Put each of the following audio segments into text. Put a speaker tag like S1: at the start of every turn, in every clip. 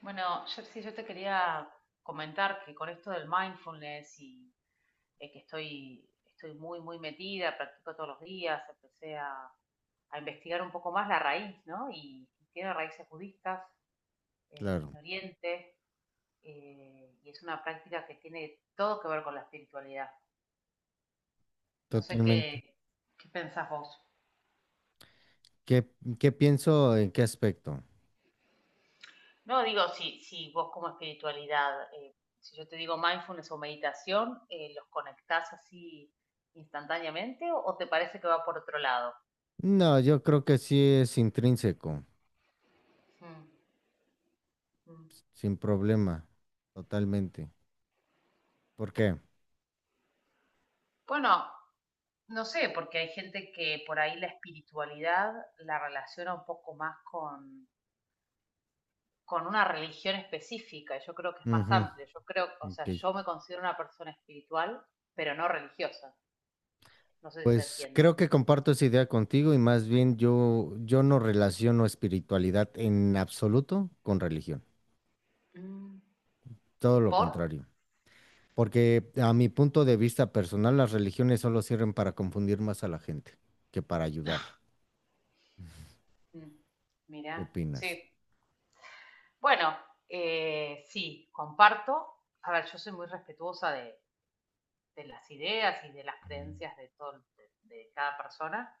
S1: Bueno, yo, sí, yo te quería comentar que con esto del mindfulness y que estoy muy, muy metida, practico todos los días, empecé a investigar un poco más la raíz, ¿no? Y tiene raíces budistas
S2: Claro,
S1: en Oriente, y es una práctica que tiene todo que ver con la espiritualidad. No sé qué,
S2: totalmente.
S1: ¿Qué pensás vos?
S2: ¿Qué, qué pienso en qué aspecto?
S1: No, digo, si vos como espiritualidad, si yo te digo mindfulness o meditación, ¿los conectás así instantáneamente o te parece que va por otro lado?
S2: No, yo creo que sí es intrínseco,
S1: Mm, mm.
S2: sin problema, totalmente. ¿Por qué?
S1: Bueno, no sé, porque hay gente que por ahí la espiritualidad la relaciona un poco más con una religión específica. Yo creo que es más
S2: Ujú,
S1: amplio. Yo creo, o
S2: ok.
S1: sea, yo me considero una persona espiritual, pero no religiosa. No sé si se
S2: Pues
S1: entiende.
S2: creo que comparto esa idea contigo y más bien yo no relaciono espiritualidad en absoluto con religión,
S1: Mm,
S2: todo lo
S1: ¿por?
S2: contrario. Porque a mi punto de vista personal, las religiones solo sirven para confundir más a la gente que para ayudarla.
S1: Mm,
S2: ¿Qué
S1: mira, sí.
S2: opinas?
S1: Bueno, sí, comparto. A ver, yo soy muy respetuosa de las ideas y de las
S2: Mm.
S1: creencias de todo, de cada persona,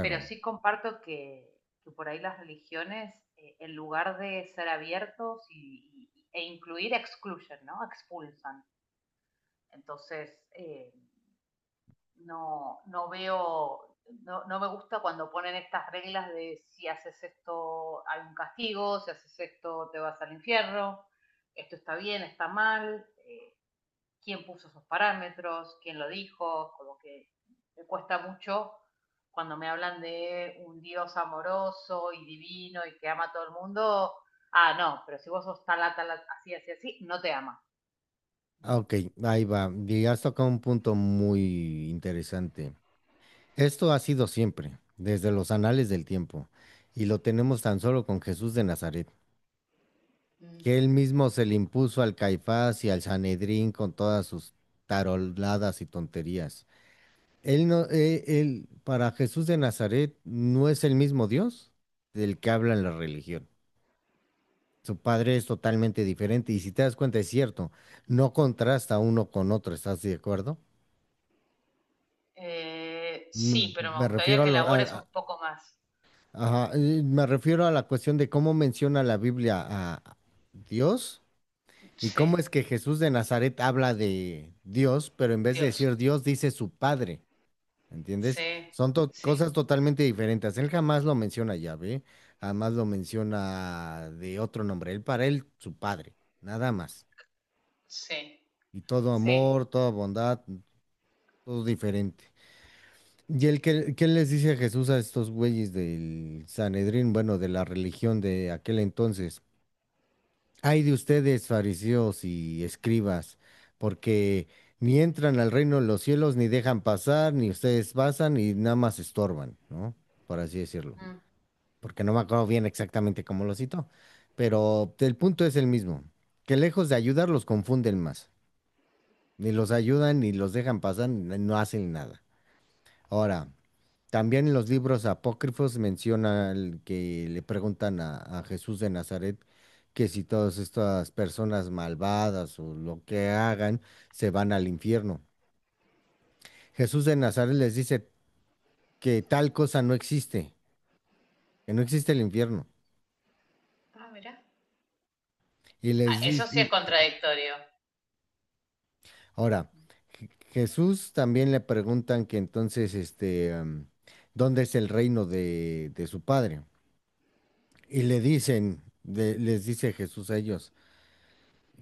S1: pero sí comparto que por ahí las religiones, en lugar de ser abiertos e incluir, excluyen, ¿no? Expulsan. Entonces, no veo, no me gusta cuando ponen estas reglas de si haces esto hay un castigo, si haces esto te vas al infierno, esto está bien, está mal, quién puso esos parámetros, quién lo dijo, como que me cuesta mucho cuando me hablan de un Dios amoroso y divino y que ama a todo el mundo. Ah, no, pero si vos sos tal, tal, así, así, así, no te ama.
S2: Ah, ok, ahí va. Y has tocado un punto muy interesante. Esto ha sido siempre, desde los anales del tiempo, y lo tenemos tan solo con Jesús de Nazaret,
S1: Mm.
S2: que él mismo se le impuso al Caifás y al Sanedrín con todas sus taroladas y tonterías. Él no, él, para Jesús de Nazaret no es el mismo Dios del que habla en la religión. Su padre es totalmente diferente, y si te das cuenta, es cierto, no contrasta uno con otro, ¿estás de acuerdo? Mm.
S1: Sí, pero me
S2: Me
S1: gustaría
S2: refiero a
S1: que
S2: lo,
S1: elabores un poco más.
S2: ajá, me refiero a la cuestión de cómo menciona la Biblia a Dios y cómo
S1: Sí,
S2: es que Jesús de Nazaret habla de Dios, pero en vez de
S1: Dios.
S2: decir Dios dice su Padre, ¿entiendes?
S1: Sí,
S2: Son cosas
S1: sí,
S2: totalmente diferentes. Él jamás lo menciona Yahvé, jamás lo menciona de otro nombre. Él para él su Padre, nada más.
S1: sí,
S2: Y todo
S1: sí.
S2: amor, toda bondad, todo diferente. ¿Y él qué les dice Jesús a estos güeyes del Sanedrín, bueno, de la religión de aquel entonces? Ay de ustedes, fariseos y escribas, porque ni entran al reino de los cielos, ni dejan pasar, ni ustedes pasan, y nada más estorban, ¿no? Por así decirlo.
S1: Mm.
S2: Porque no me acuerdo bien exactamente cómo lo citó, pero el punto es el mismo, que lejos de ayudar los confunden más. Ni los ayudan, ni los dejan pasar, ni no hacen nada. Ahora, también en los libros apócrifos menciona el que le preguntan a Jesús de Nazaret que si todas estas personas malvadas o lo que hagan se van al infierno. Jesús de Nazaret les dice que tal cosa no existe, que no existe el infierno.
S1: Ah, mira,
S2: Y les
S1: eso sí es
S2: dice,
S1: contradictorio.
S2: ahora, Jesús también le preguntan que entonces, este, ¿dónde es el reino de su padre? Y le dicen, les dice Jesús a ellos,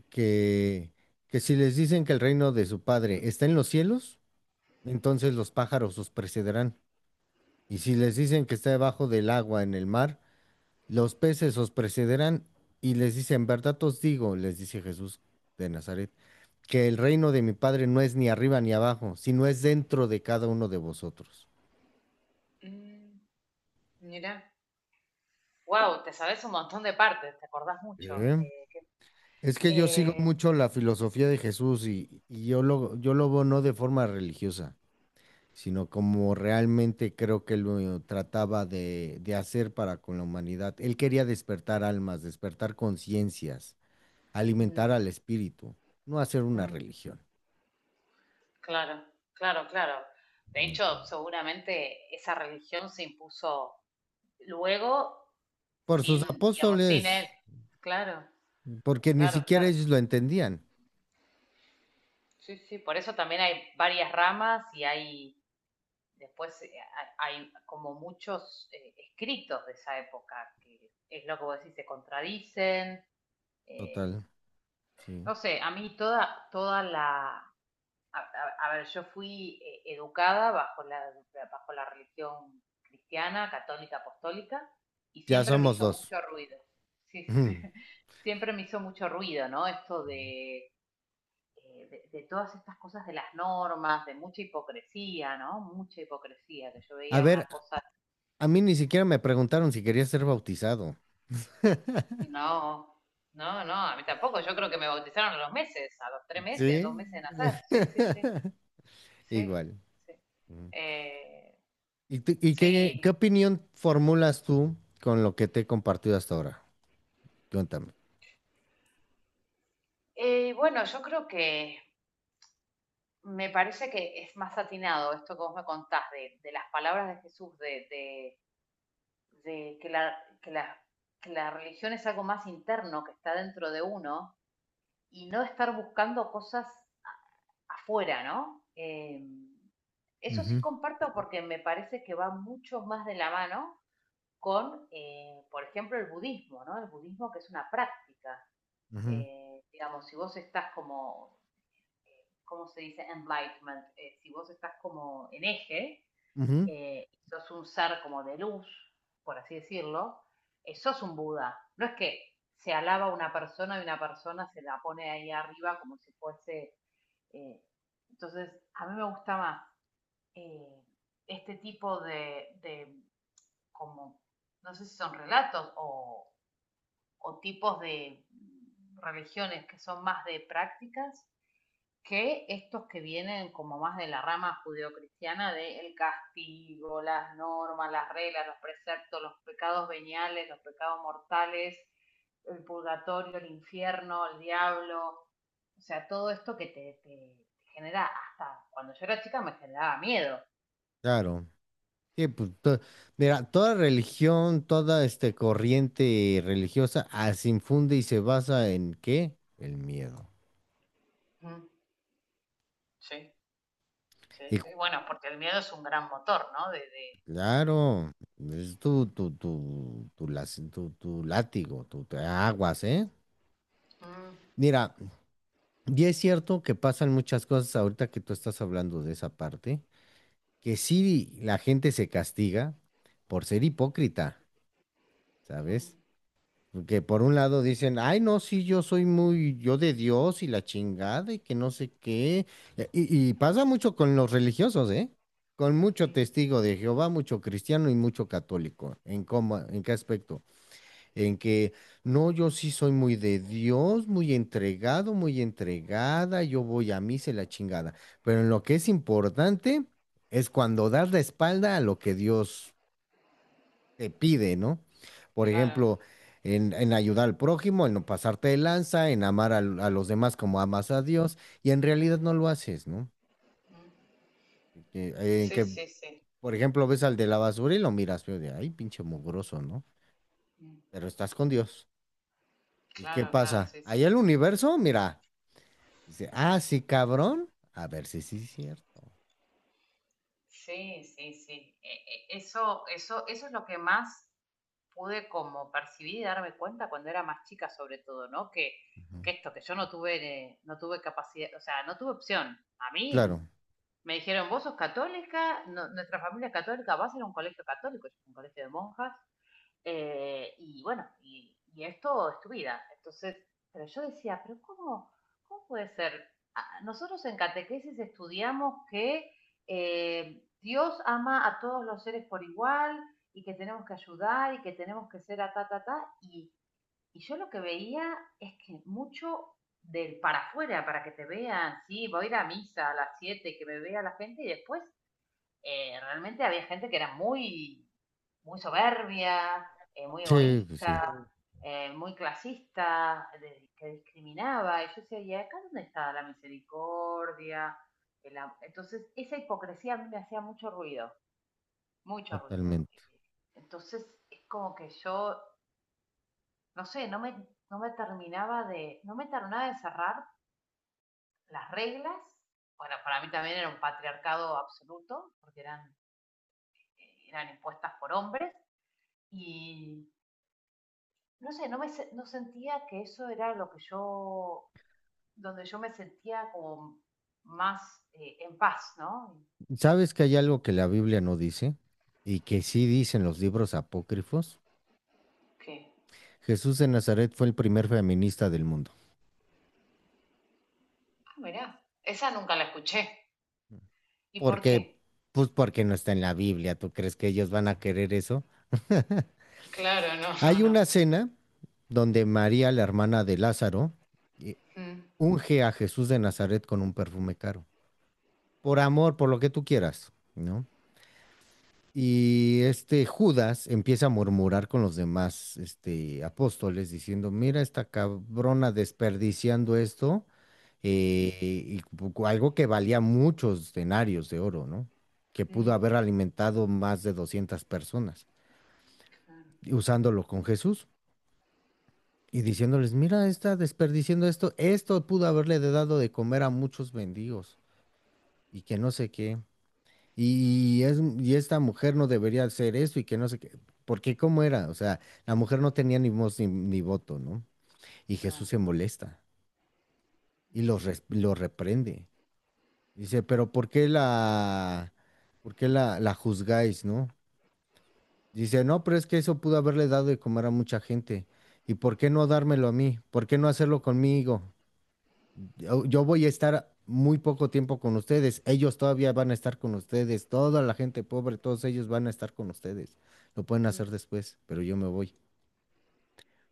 S2: que, que si les dicen que el reino de su padre está en los cielos, entonces los pájaros os precederán. Y si les dicen que está debajo del agua en el mar, los peces os precederán. Y les dice, en verdad os digo, les dice Jesús de Nazaret, que el reino de mi padre no es ni arriba ni abajo, sino es dentro de cada uno de vosotros.
S1: Mira. Wow, te sabes un montón de partes, te acordás mucho.
S2: ¿Eh? Es que yo sigo
S1: Eh,
S2: mucho la filosofía de Jesús y yo lo veo no de forma religiosa, sino como realmente creo que lo trataba de hacer para con la humanidad. Él quería despertar almas, despertar conciencias,
S1: mm,
S2: alimentar al espíritu, no hacer una
S1: mm,
S2: religión.
S1: claro, claro, claro. De hecho, seguramente esa religión se impuso luego
S2: Por sus
S1: sin, digamos, sin
S2: apóstoles,
S1: él. Claro,
S2: porque ni
S1: claro,
S2: siquiera
S1: claro.
S2: ellos lo entendían.
S1: Sí, sí, por eso también hay varias ramas y hay después hay como muchos escritos de esa época, que es lo que vos decís, se contradicen. eh,
S2: Total, sí.
S1: no sé, a mí toda, toda la... a ver, yo fui educada bajo bajo la religión cristiana, católica, apostólica, y
S2: Ya
S1: siempre me
S2: somos
S1: hizo
S2: dos.
S1: mucho ruido. Sí,
S2: Ujú.
S1: siempre me hizo mucho ruido, ¿no? Esto de de todas estas cosas de las normas, de mucha hipocresía, ¿no? Mucha hipocresía, que yo
S2: A
S1: veía una
S2: ver,
S1: cosa.
S2: a mí ni siquiera me preguntaron si quería ser bautizado.
S1: No, no, no, a mí tampoco. Yo creo que me bautizaron a los meses, a los 3 meses,
S2: Sí.
S1: 2 meses de nacer. Sí, sí, sí, sí,
S2: Igual.
S1: sí. Eh,
S2: ¿Y qué
S1: sí.
S2: opinión formulas tú con lo que te he compartido hasta ahora? Cuéntame.
S1: Bueno, yo creo que me parece que es más atinado esto que vos me contás de las palabras de Jesús, de que la, que la religión es algo más interno que está dentro de uno y no estar buscando cosas afuera, ¿no? Eso sí
S2: Ujú,
S1: comparto porque me parece que va mucho más de la mano con, por ejemplo, el budismo, ¿no? El budismo que es una práctica.
S2: ujú,
S1: Digamos, si vos estás como, ¿cómo se dice? Enlightenment. Si vos estás como en eje,
S2: ujú,
S1: sos un ser como de luz, por así decirlo, sos un Buda. No es que se alaba a una persona y una persona se la pone ahí arriba como si fuese, eh, entonces, a mí me gusta más eh, este tipo como, no sé si son relatos o tipos de religiones que son más de prácticas que estos que vienen como más de la rama judeocristiana de el castigo, las normas, las reglas, los preceptos, los pecados veniales, los pecados mortales, el purgatorio, el infierno, el diablo, o sea, todo esto que te genera, hasta cuando yo era chica me generaba miedo.
S2: claro. Sí, pues, mira, toda religión, toda este corriente religiosa, se infunde y se basa en ¿qué? El miedo.
S1: Mm, sí, sí,
S2: Y cu-
S1: sí. Bueno, porque el miedo es un gran motor, ¿no? De-
S2: claro, es tu látigo, tu aguas, ¿eh?
S1: Mm,
S2: Mira, y es cierto que pasan muchas cosas ahorita que tú estás hablando de esa parte, que sí la gente se castiga por ser hipócrita,
S1: mm,
S2: ¿sabes? Que por un lado dicen, ay, no, sí, yo de Dios y la chingada y que no sé qué. Y pasa mucho con los religiosos, ¿eh? Con mucho
S1: mm,
S2: testigo de Jehová, mucho cristiano y mucho católico. ¿En qué aspecto? En que no, yo sí soy muy de Dios, muy entregado, muy entregada, yo voy a misa y la chingada. Pero en lo que es importante es cuando das la espalda a lo que Dios te pide, ¿no? Por
S1: claro.
S2: ejemplo, en ayudar al prójimo, en no pasarte de lanza, en amar a los demás como amas a Dios, y en realidad
S1: Mm,
S2: no lo haces, ¿no?
S1: mm.
S2: En
S1: Sí,
S2: que,
S1: sí, sí.
S2: por ejemplo, ves al de la basura y lo miras feo de, ay, pinche mugroso, ¿no?
S1: Mm,
S2: Pero estás con Dios. ¿Y qué
S1: claro, claro,
S2: pasa?
S1: sí, sí,
S2: Ahí
S1: sí.
S2: el universo, mira. Dice, ah, sí, cabrón. A ver si sí es cierto.
S1: Sí, sí, sí. E- eso, eso, eso es lo que más pude como percibir y darme cuenta cuando era más chica, sobre todo, ¿no?
S2: Ujú.
S1: Que esto, que yo no tuve, no tuve capacidad, o sea, no tuve opción. A mí
S2: Claro,
S1: me dijeron, vos sos católica, nuestra familia es católica, vas a ir a un colegio católico, yo fui a un colegio de monjas, y bueno, y esto es tu vida. Entonces, pero yo decía, pero ¿cómo, cómo puede ser? Ah, nosotros en catequesis estudiamos que Dios ama a todos los seres por igual y que tenemos que ayudar y que tenemos que ser a ta, ta, ta. Y yo lo que veía es que mucho del para afuera, para que te vean, sí, voy a ir a misa a las 7 que me vea la gente y después realmente había gente que era muy, muy soberbia, muy
S2: sí, pues sí,
S1: egoísta, muy clasista, que discriminaba. Y yo decía, ¿y acá dónde está la misericordia? El entonces, esa hipocresía a mí me hacía mucho ruido, mucho ruido.
S2: totalmente.
S1: Entonces, es como que yo, no sé, no me terminaba de, no me terminaba de cerrar las reglas. Bueno, para mí también era un patriarcado absoluto, porque eran, eran impuestas por hombres y no sé, no sentía que eso era lo que yo, donde yo me sentía como más en paz, ¿no?
S2: ¿Sabes que hay algo que la Biblia no dice y que sí dicen los libros apócrifos?
S1: ¿Qué?
S2: Jesús de Nazaret fue el primer feminista del mundo.
S1: Ah, mirá. Esa nunca la escuché. ¿Y
S2: ¿Por
S1: por
S2: qué?
S1: qué?
S2: Pues porque no está en la Biblia. ¿Tú crees que ellos van a querer eso?
S1: Claro, no, no,
S2: Hay
S1: no.
S2: una cena donde María, la hermana de Lázaro, eh,
S1: Mm,
S2: unge a Jesús de Nazaret con un perfume caro. Por amor, por lo que tú quieras, ¿no? Y este Judas empieza a murmurar con los demás apóstoles diciendo, mira esta cabrona desperdiciando esto,
S1: mm,
S2: eh, y algo que valía muchos denarios de oro, ¿no? Que pudo
S1: mm,
S2: haber alimentado más de 200 personas,
S1: claro,
S2: y usándolo con Jesús y diciéndoles, mira está desperdiciando esto, esto pudo haberle dado de comer a muchos mendigos y que no sé qué. Y esta mujer no debería hacer esto y que no sé qué. Porque cómo era, o sea, la mujer no tenía ni voz ni voto, ¿no? Y
S1: no.
S2: Jesús se molesta y
S1: Mm,
S2: los reprende. Dice, pero ¿por qué la, juzgáis, no? Dice, no, pero es que eso pudo haberle dado de comer a mucha gente. ¿Y por qué no dármelo a mí? ¿Por qué no hacerlo conmigo? Yo voy a estar muy poco tiempo con ustedes. Ellos todavía van a estar con ustedes. Toda la gente pobre, todos ellos van a estar con ustedes. Lo pueden
S1: mm.
S2: hacer después, pero yo me voy.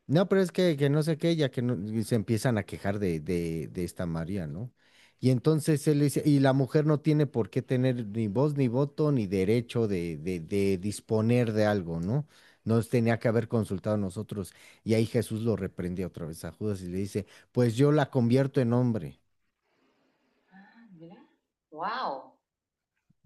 S2: No, pero es que no sé qué, ya que no- y se empiezan a quejar de, de esta María, ¿no? Y entonces él dice, y la mujer no tiene por qué tener ni voz, ni voto, ni derecho de, de disponer de algo, ¿no? Nos tenía que haber consultado a nosotros. Y ahí Jesús lo reprendía otra vez a Judas y le dice, pues yo la convierto en hombre.
S1: Ah, mirá. Wow,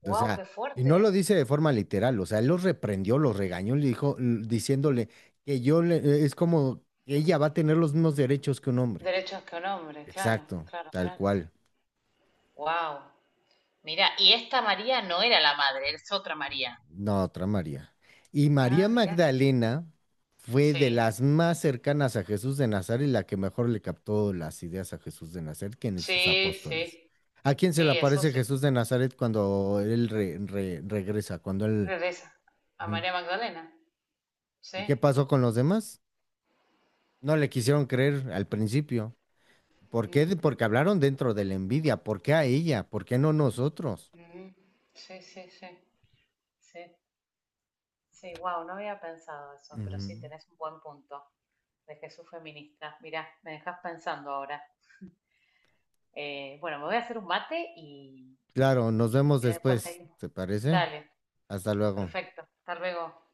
S2: O
S1: wow,
S2: sea,
S1: qué
S2: y
S1: fuerte.
S2: no lo dice de forma literal, o sea, él los reprendió, los regañó, le dijo, diciéndole que es como que ella va a tener los mismos derechos que un hombre.
S1: Derechos que un hombre, claro,
S2: Exacto,
S1: claro,
S2: tal
S1: claro.
S2: cual.
S1: Wow. Mirá, y esta María no era la madre, es otra María.
S2: No, otra María. Y María
S1: Ah, mirá.
S2: Magdalena fue de
S1: Sí.
S2: las más cercanas a Jesús de Nazaret y la que mejor le captó las ideas a Jesús de Nazaret, que en sus
S1: Sí,
S2: apóstoles.
S1: sí,
S2: ¿A quién se
S1: sí,
S2: le
S1: eso
S2: aparece
S1: sí.
S2: Jesús de Nazaret cuando él regresa? Cuando él...
S1: Regresa a
S2: Ujú.
S1: María Magdalena. Sí.
S2: ¿Y qué pasó con los demás? No le quisieron creer al principio. ¿Por qué?
S1: Mm,
S2: Porque hablaron dentro de la envidia. ¿Por qué a ella? ¿Por qué no nosotros?
S1: mm, sí, sí, sí, sí. Sí, wow, no había pensado eso, pero sí,
S2: Ujú.
S1: tenés un buen punto de Jesús feminista. Mirá, me dejas pensando ahora. Bueno, me voy a hacer un mate
S2: Claro, nos
S1: y si
S2: vemos
S1: querés después
S2: después.
S1: seguimos.
S2: ¿Te parece?
S1: Dale,
S2: Hasta luego.
S1: perfecto. Hasta luego.